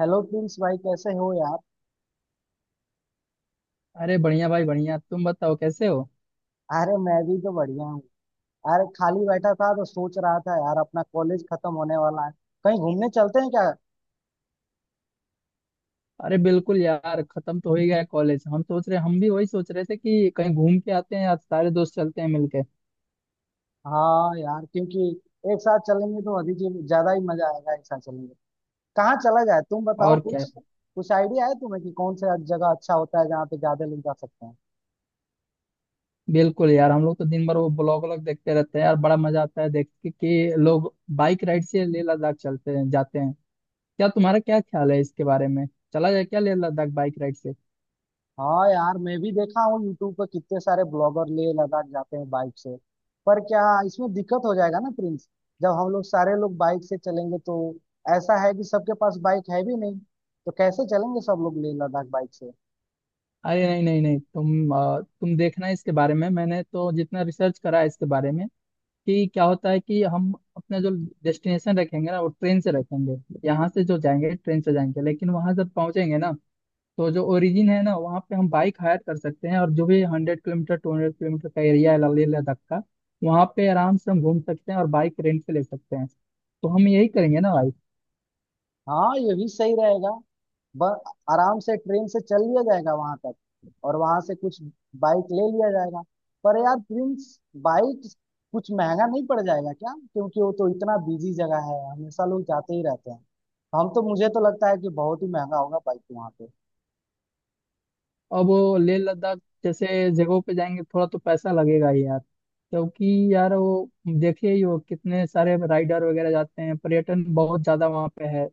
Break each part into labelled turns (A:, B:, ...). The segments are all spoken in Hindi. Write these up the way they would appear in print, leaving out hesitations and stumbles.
A: हेलो प्रिंस भाई, कैसे हो यार?
B: अरे बढ़िया भाई बढ़िया। तुम बताओ कैसे हो?
A: अरे मैं भी तो बढ़िया हूँ। अरे खाली बैठा था तो सोच रहा था यार, अपना कॉलेज खत्म होने वाला है। कहीं घूमने चलते हैं क्या?
B: अरे बिल्कुल यार, खत्म तो हो ही गया कॉलेज। हम भी वही सोच रहे थे कि कहीं घूम के आते हैं यार, सारे दोस्त चलते हैं मिलके।
A: हाँ यार, क्योंकि एक साथ चलेंगे तो ज्यादा ही मजा आएगा, एक साथ चलेंगे। कहाँ चला जाए? तुम बताओ
B: और क्या?
A: कुछ। कुछ आइडिया है तुम्हें कि कौन सा जगह अच्छा होता है जहाँ पे ज्यादा लोग जा सकते हैं?
B: बिल्कुल यार, हम लोग तो दिन भर वो ब्लॉग व्लॉग देखते रहते हैं यार। बड़ा मजा आता है देख के कि लोग बाइक राइड से लेह लद्दाख चलते हैं, जाते हैं। क्या तुम्हारा क्या ख्याल है इसके बारे में? चला जाए क्या लेह लद्दाख बाइक राइड से?
A: हाँ यार, मैं भी देखा हूँ यूट्यूब पर कितने सारे ब्लॉगर ले लद्दाख जाते हैं बाइक से। पर क्या इसमें दिक्कत हो जाएगा ना प्रिंस? जब हम लोग सारे लोग बाइक से चलेंगे तो ऐसा है कि सबके पास बाइक है भी नहीं। तो कैसे चलेंगे सब लोग ले लद्दाख बाइक से?
B: अरे नहीं नहीं नहीं, तुम देखना। इसके बारे में मैंने तो जितना रिसर्च करा है इसके बारे में, कि क्या होता है कि हम अपना जो डेस्टिनेशन रखेंगे ना, वो ट्रेन से रखेंगे। यहाँ से जो जाएंगे ट्रेन से जाएंगे, लेकिन वहां जब पहुंचेंगे ना, तो जो ओरिजिन है ना वहाँ पे हम बाइक हायर कर सकते हैं। और जो भी 100 किलोमीटर टू 200 किलोमीटर का एरिया है लेह लद्दाख का, वहाँ पे आराम से हम घूम सकते हैं और बाइक रेंट पे ले सकते हैं। तो हम यही करेंगे ना भाई।
A: हाँ, ये भी सही रहेगा। ब- आराम से ट्रेन से चल लिया जाएगा वहां तक, और वहां से कुछ बाइक ले लिया जाएगा। पर यार प्रिंस, बाइक कुछ महंगा नहीं पड़ जाएगा क्या? क्योंकि वो तो इतना बिजी जगह है, हमेशा लोग जाते ही रहते हैं। हम तो, मुझे तो लगता है कि बहुत ही महंगा होगा बाइक वहां पे।
B: अब वो लेह लद्दाख जैसे जगहों पे जाएंगे, थोड़ा तो पैसा लगेगा ही यार। क्योंकि यार वो, देखिए ही वो कितने सारे राइडर वगैरह जाते हैं, पर्यटन बहुत ज्यादा वहाँ पे है।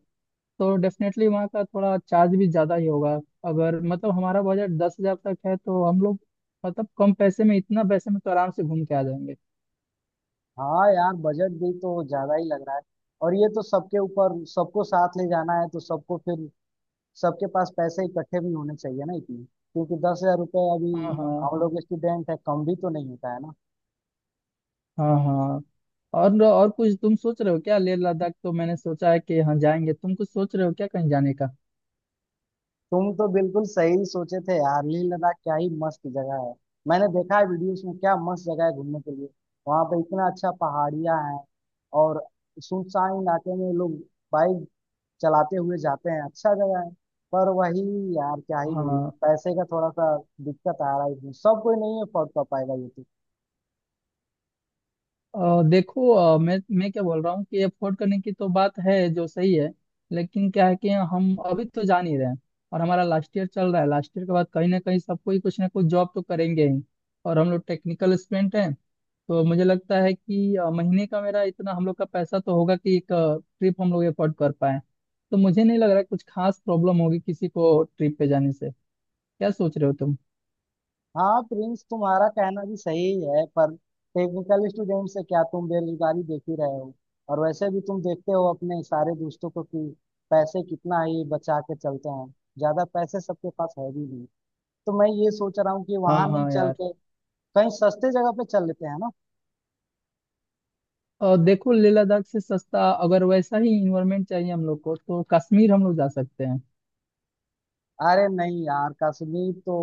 B: तो डेफिनेटली वहाँ का थोड़ा चार्ज भी ज़्यादा ही होगा। अगर मतलब हमारा बजट 10,000 तक है तो हम लोग, मतलब कम पैसे में, इतना पैसे में तो आराम से घूम के आ जाएंगे।
A: हाँ यार, बजट भी तो ज्यादा ही लग रहा है। और ये तो सबके ऊपर, सबको साथ ले जाना है तो सबको फिर सबके पास पैसे इकट्ठे भी होने चाहिए ना इतने, क्योंकि 10,000 रुपये अभी।
B: हाँ
A: हम
B: हाँ।
A: लोग स्टूडेंट है, कम भी तो नहीं होता है ना।
B: हाँ हाँ। और कुछ तुम सोच रहे हो क्या? लेह लद्दाख तो मैंने सोचा है कि हाँ जाएंगे, तुम कुछ सोच रहे हो क्या कहीं जाने का?
A: तुम तो बिल्कुल सही सोचे थे यार, लेह लद्दाख क्या ही मस्त जगह है। मैंने देखा है वीडियोस में, क्या मस्त जगह है घूमने के लिए। वहां पे इतना अच्छा पहाड़ियां हैं, और सुनसान इलाके में लोग बाइक चलाते हुए जाते हैं, अच्छा जगह है। पर वही यार, क्या ही बोले,
B: हाँ।
A: पैसे का थोड़ा सा दिक्कत आ रहा है इसमें, सब कोई नहीं अफोर्ड कर पाएगा ये तो।
B: देखो, मैं क्या बोल रहा हूँ कि अफोर्ड करने की तो बात है, जो सही है। लेकिन क्या है कि हम अभी तो जान ही रहे हैं, और हमारा लास्ट ईयर चल रहा है। लास्ट ईयर के बाद कहीं ना कहीं सबको ही कुछ ना कुछ जॉब तो करेंगे ही। और हम लोग टेक्निकल स्टूडेंट हैं। तो मुझे लगता है कि महीने का मेरा इतना, हम लोग का पैसा तो होगा कि एक ट्रिप हम लोग अफोर्ड कर पाए। तो मुझे नहीं लग रहा है कुछ खास प्रॉब्लम होगी किसी को ट्रिप पे जाने से। क्या सोच रहे हो तुम?
A: हाँ प्रिंस, तुम्हारा कहना भी सही है, पर टेक्निकल स्टूडेंट से क्या तुम बेरोजगारी देख ही रहे हो? और वैसे भी तुम देखते हो अपने सारे दोस्तों को कि पैसे कितना ही बचा के चलते हैं। ज्यादा पैसे सबके पास है भी नहीं। तो मैं ये सोच रहा हूँ कि
B: हाँ
A: वहां नहीं
B: हाँ
A: चल
B: यार।
A: के कहीं सस्ते जगह पे चल लेते हैं ना।
B: और देखो, लेह लद्दाख से सस्ता अगर वैसा ही इन्वायरमेंट चाहिए हम लोग को, तो कश्मीर हम लोग जा सकते हैं।
A: अरे नहीं यार, कश्मीर तो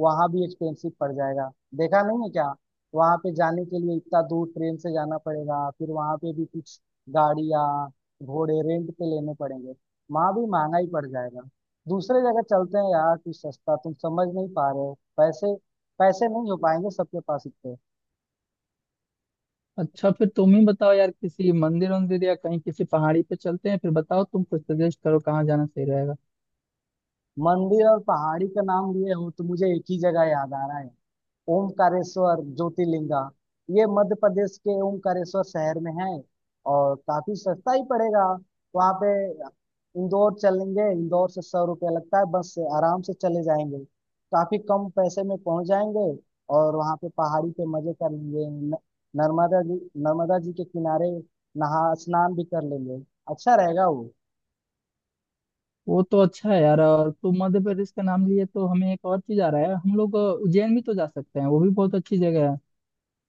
A: वहां भी एक्सपेंसिव पड़ जाएगा। देखा नहीं है क्या? वहां पे जाने के लिए इतना दूर ट्रेन से जाना पड़ेगा, फिर वहां पे भी कुछ गाड़ियां, घोड़े रेंट पे लेने पड़ेंगे। वहां भी महंगा ही पड़ जाएगा। दूसरे जगह चलते हैं यार कुछ सस्ता, तुम समझ नहीं पा रहे हो, पैसे पैसे नहीं हो पाएंगे सबके पास इतने।
B: अच्छा फिर तुम ही बताओ यार, किसी मंदिर वंदिर या कहीं किसी पहाड़ी पे चलते हैं, फिर बताओ तुम, कुछ सजेस्ट करो कहाँ जाना सही रहेगा।
A: मंदिर और पहाड़ी का नाम लिए हो तो मुझे एक ही जगह याद आ रहा है, ओमकारेश्वर ज्योतिर्लिंगा। ये मध्य प्रदेश के ओमकारेश्वर शहर में है, और काफी सस्ता ही पड़ेगा वहाँ पे। इंदौर चलेंगे, इंदौर से 100 रुपया लगता है, बस से आराम से चले जाएंगे। काफी कम पैसे में पहुंच जाएंगे। और वहाँ पे पहाड़ी पे मजे कर लेंगे। नर्मदा जी, नर्मदा जी के किनारे नहा स्नान भी कर लेंगे। अच्छा रहेगा वो।
B: वो तो अच्छा है यार। और तुम मध्य प्रदेश का नाम लिए तो हमें एक और चीज आ रहा है, हम लोग उज्जैन भी तो जा सकते हैं, वो भी बहुत अच्छी जगह है।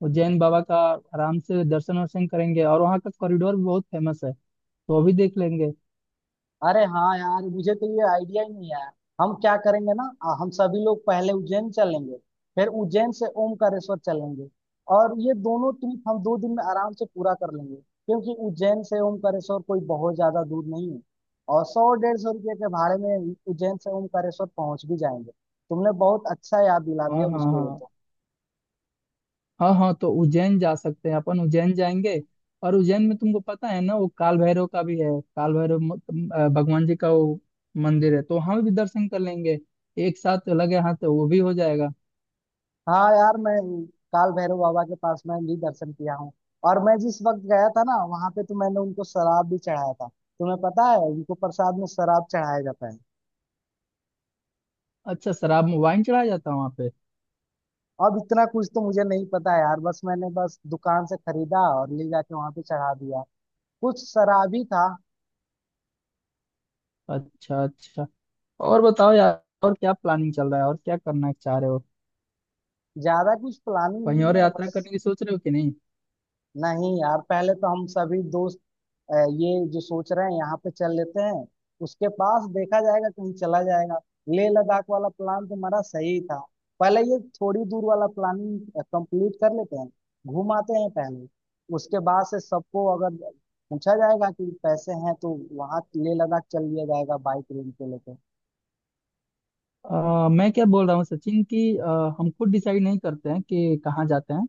B: उज्जैन बाबा का आराम से दर्शन वर्शन करेंगे, और वहाँ का कॉरिडोर भी बहुत फेमस है, तो वो भी देख लेंगे।
A: अरे हाँ यार, मुझे तो ये आइडिया ही नहीं है। हम क्या करेंगे ना, हम सभी लोग पहले उज्जैन चलेंगे। फिर उज्जैन से ओमकारेश्वर चलेंगे। और ये दोनों ट्रिप हम 2 दिन में आराम से पूरा कर लेंगे, क्योंकि उज्जैन से ओमकारेश्वर कोई बहुत ज्यादा दूर नहीं है। और 100-150 रुपये के भाड़े में उज्जैन से ओमकारेश्वर पहुंच भी जाएंगे। तुमने बहुत अच्छा याद दिला
B: हाँ
A: दिया
B: हाँ
A: मुझको ये
B: हाँ,
A: तो।
B: हाँ हाँ। तो उज्जैन जा सकते हैं अपन, उज्जैन जाएंगे। और उज्जैन में तुमको पता है ना, वो काल भैरव का भी है। काल भैरव तुम, भगवान जी का वो मंदिर है, तो वहाँ भी दर्शन कर लेंगे। एक साथ लगे हाथ तो वो भी हो जाएगा।
A: हाँ यार, मैं काल भैरव बाबा के पास मैं भी दर्शन किया हूँ। और मैं जिस वक्त गया था ना वहां पे, तो मैंने उनको शराब भी चढ़ाया था। तुम्हें पता है, उनको प्रसाद में शराब चढ़ाया जाता है।
B: अच्छा, शराब में वाइन चढ़ाया जाता है वहाँ पे?
A: अब इतना कुछ तो मुझे नहीं पता यार, बस मैंने बस दुकान से खरीदा और ले जाके वहां पे चढ़ा दिया। कुछ शराब ही था।
B: अच्छा अच्छा। और बताओ यार, और क्या प्लानिंग चल रहा है, और क्या करना चाह रहे हो?
A: ज्यादा कुछ प्लानिंग
B: कहीं
A: नहीं
B: और
A: है
B: यात्रा
A: बस।
B: करने की सोच रहे हो कि नहीं?
A: नहीं यार, पहले तो हम सभी दोस्त ये जो सोच रहे हैं यहाँ पे चल लेते हैं। उसके पास देखा जाएगा, कहीं चला जाएगा। लेह लद्दाख वाला प्लान तुम्हारा सही था। पहले ये थोड़ी दूर वाला प्लानिंग कंप्लीट कर लेते हैं, घूम आते हैं पहले। उसके बाद से सबको अगर पूछा जाएगा कि पैसे हैं तो वहाँ लेह लद्दाख चल लिया जाएगा बाइक रेंट पे लेके।
B: मैं क्या बोल रहा हूँ सचिन, कि हम खुद डिसाइड नहीं करते हैं कि कहाँ जाते हैं।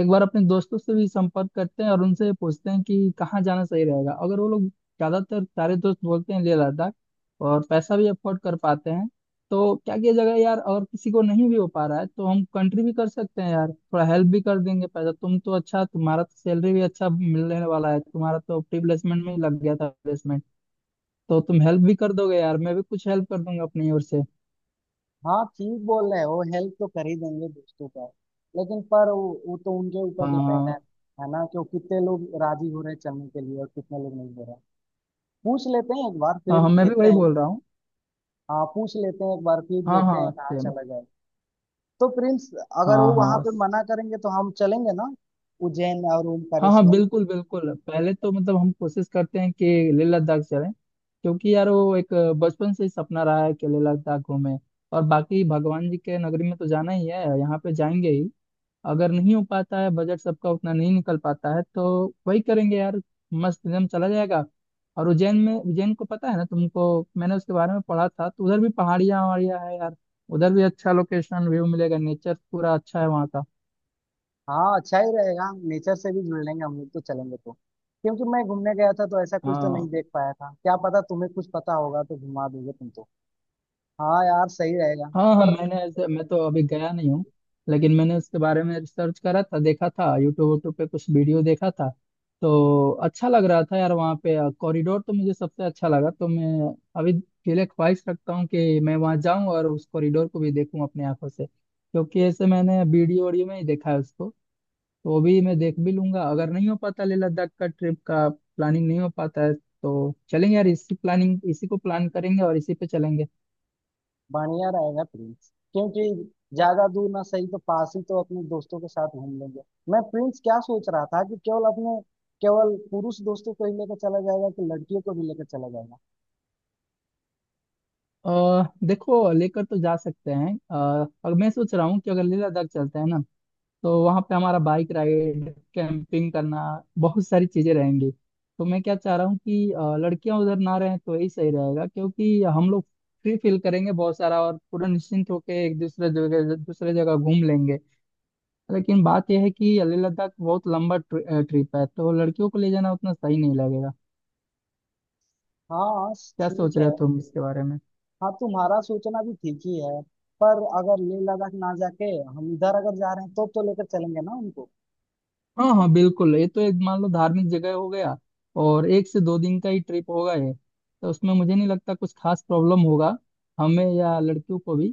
B: एक बार अपने दोस्तों से भी संपर्क करते हैं और उनसे पूछते हैं कि कहाँ जाना सही रहेगा। अगर वो लोग, ज्यादातर सारे दोस्त बोलते हैं लेह लद्दाख, और पैसा भी अफोर्ड कर पाते हैं, तो क्या किया जाएगा यार? अगर किसी को नहीं भी हो पा रहा है, तो हम कंट्री भी कर सकते हैं यार, थोड़ा हेल्प भी कर देंगे पैसा। तुम तो अच्छा, तुम्हारा तो सैलरी भी अच्छा मिलने वाला है, तुम्हारा तो प्री प्लेसमेंट में ही लग गया था प्लेसमेंट। तो तुम हेल्प भी कर दोगे यार, मैं भी कुछ हेल्प कर दूंगा अपनी ओर से।
A: हाँ, ठीक बोल रहे हैं, वो हेल्प तो कर ही देंगे दोस्तों का। लेकिन पर वो तो उनके ऊपर डिपेंड है।
B: हाँ
A: है ना, कि वो कितने लोग राजी हो रहे हैं चलने के लिए और कितने लोग नहीं हो रहे हैं। पूछ लेते हैं एक बार, फिर
B: हाँ हाँ। मैं भी
A: देखते
B: वही
A: हैं।
B: बोल रहा हूँ।
A: हाँ, पूछ लेते हैं एक बार फिर
B: हाँ
A: देखते हैं
B: हाँ
A: कहाँ
B: सेम।
A: चला जाए। तो प्रिंस, अगर
B: हाँ
A: वो
B: हाँ
A: वहां पे मना करेंगे तो हम चलेंगे ना उज्जैन और
B: हाँ हाँ,
A: ओमकारेश्वर।
B: बिल्कुल बिल्कुल, पहले तो मतलब हम कोशिश करते हैं कि लेह लद्दाख चलें, क्योंकि यार वो एक बचपन से ही सपना रहा है कि लेह लद्दाख घूमें। और बाकी भगवान जी के नगरी में तो जाना ही है, यहाँ पे जाएंगे ही। अगर नहीं हो पाता है, बजट सबका उतना नहीं निकल पाता है, तो वही करेंगे यार, मस्त एकदम चला जाएगा। और उज्जैन में, उज्जैन को पता है ना तुमको, मैंने उसके बारे में पढ़ा था, तो उधर भी पहाड़ियाँ वहाड़ियाँ है यार। उधर भी अच्छा लोकेशन व्यू मिलेगा, नेचर पूरा अच्छा है वहाँ का।
A: हाँ, अच्छा ही रहेगा, नेचर से भी जुड़ लेंगे हम लोग तो चलेंगे तो। क्योंकि मैं घूमने गया था तो ऐसा कुछ तो
B: हाँ
A: नहीं देख पाया था, क्या पता तुम्हें कुछ पता होगा तो घुमा दोगे तुम तो। हाँ यार सही रहेगा।
B: हाँ हाँ।
A: पर।
B: मैं तो अभी गया नहीं हूँ, लेकिन मैंने उसके बारे में रिसर्च करा था, देखा था यूट्यूब वूट्यूब पे कुछ वीडियो देखा था। तो अच्छा लग रहा था यार, वहाँ पे कॉरिडोर तो मुझे सबसे अच्छा लगा। तो मैं अभी दिले ख्वाहिश रखता हूँ कि मैं वहाँ जाऊँ और उस कॉरिडोर को भी देखूँ अपनी आंखों से, क्योंकि ऐसे मैंने वीडियो वीडियो में ही देखा है उसको। तो वो भी मैं देख भी लूंगा। अगर नहीं हो पाता, लेह लद्दाख का ट्रिप का प्लानिंग नहीं हो पाता है, तो चलेंगे यार इसी प्लानिंग, इसी को प्लान करेंगे और इसी पे चलेंगे।
A: बढ़िया रहेगा प्रिंस, क्योंकि ज्यादा दूर ना सही तो पास ही तो अपने दोस्तों के साथ घूम लेंगे। मैं प्रिंस क्या सोच रहा था कि केवल पुरुष दोस्तों को ही लेकर चला जाएगा कि लड़कियों को भी लेकर चला जाएगा?
B: देखो, लेकर तो जा सकते हैं। और मैं सोच रहा हूँ कि अगर लेह लद्दाख चलते हैं ना, तो वहाँ पे हमारा बाइक राइड, कैंपिंग करना, बहुत सारी चीजें रहेंगी। तो मैं क्या चाह रहा हूँ कि लड़कियां उधर ना रहें तो यही सही रहेगा, क्योंकि हम लोग फ्री फील करेंगे बहुत सारा, और पूरा निश्चिंत होकर एक दूसरे जगह घूम लेंगे। लेकिन बात यह है कि लेह लद्दाख बहुत लंबा ट्रिप है, तो लड़कियों को ले जाना उतना सही नहीं लगेगा।
A: हाँ,
B: क्या सोच
A: ठीक है।
B: रहे हो तुम इसके बारे में?
A: हाँ, तुम्हारा सोचना भी ठीक ही है। पर अगर लेह लद्दाख ना जाके हम इधर अगर जा रहे हैं तो लेकर चलेंगे ना उनको।
B: हाँ हाँ बिल्कुल, ये तो एक मान लो धार्मिक जगह हो गया, और 1 से 2 दिन का ही ट्रिप होगा ये, तो उसमें मुझे नहीं लगता कुछ खास प्रॉब्लम होगा हमें या लड़कियों को भी।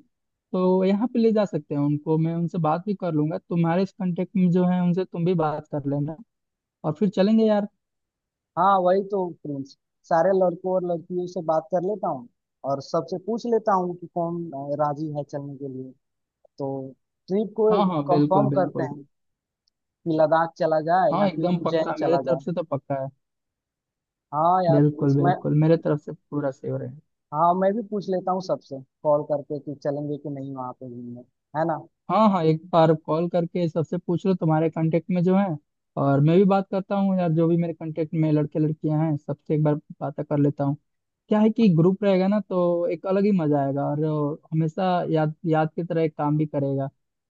B: तो यहाँ पे ले जा सकते हैं उनको, मैं उनसे बात भी कर लूंगा, तुम्हारे इस कांटेक्ट में जो है उनसे तुम भी बात कर लेना, और फिर चलेंगे यार।
A: हाँ वही तो प्रिंस, सारे लड़कों और लड़कियों से बात कर लेता हूँ। और सबसे पूछ लेता हूँ कि कौन राजी है चलने के लिए। तो ट्रिप को
B: हाँ हाँ बिल्कुल
A: कंफर्म करते
B: बिल्कुल।
A: हैं कि लद्दाख चला जाए
B: हाँ
A: या फिर
B: एकदम
A: उज्जैन
B: पक्का, मेरे
A: चला जाए।
B: तरफ से तो पक्का है।
A: हाँ यार,
B: बिल्कुल
A: इसमें।
B: बिल्कुल, मेरे तरफ से पूरा सेवर है।
A: हाँ, मैं भी पूछ लेता हूँ सबसे कॉल करके कि चलेंगे कि नहीं वहाँ पे घूमने, है ना।
B: हाँ हाँ, एक बार कॉल करके सबसे पूछ लो, तुम्हारे कांटेक्ट में जो है। और मैं भी बात करता हूँ यार, जो भी मेरे कांटेक्ट में लड़के लड़कियां हैं, सबसे एक बार बात कर लेता हूँ। क्या है कि ग्रुप रहेगा ना, तो एक अलग ही मजा आएगा। और हमेशा याद याद की तरह एक काम भी करेगा।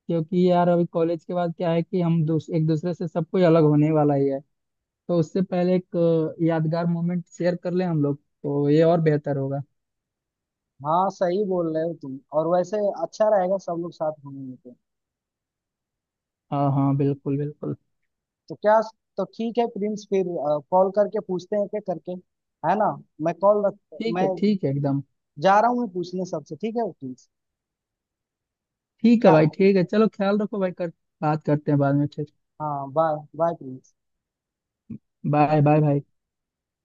B: क्योंकि यार अभी कॉलेज के बाद क्या है, कि हम एक दूसरे से सब कोई अलग होने वाला ही है। तो उससे पहले एक यादगार मोमेंट शेयर कर लें हम लोग, तो ये और बेहतर होगा।
A: हाँ, सही बोल रहे हो तुम, और वैसे अच्छा रहेगा सब लोग साथ घूमेंगे तो।
B: हाँ हाँ बिल्कुल बिल्कुल।
A: तो क्या? तो ठीक है प्रिंस फिर, कॉल करके पूछते हैं क्या करके, है ना। मैं कॉल रख मैं
B: ठीक है एकदम।
A: जा रहा हूँ, मैं पूछने सबसे। ठीक है प्रिंस?
B: ठीक है
A: क्या?
B: भाई ठीक है, चलो ख्याल रखो भाई कर, बात करते हैं बाद में फिर।
A: हाँ, bye bye Prince.
B: Bye bye भाई।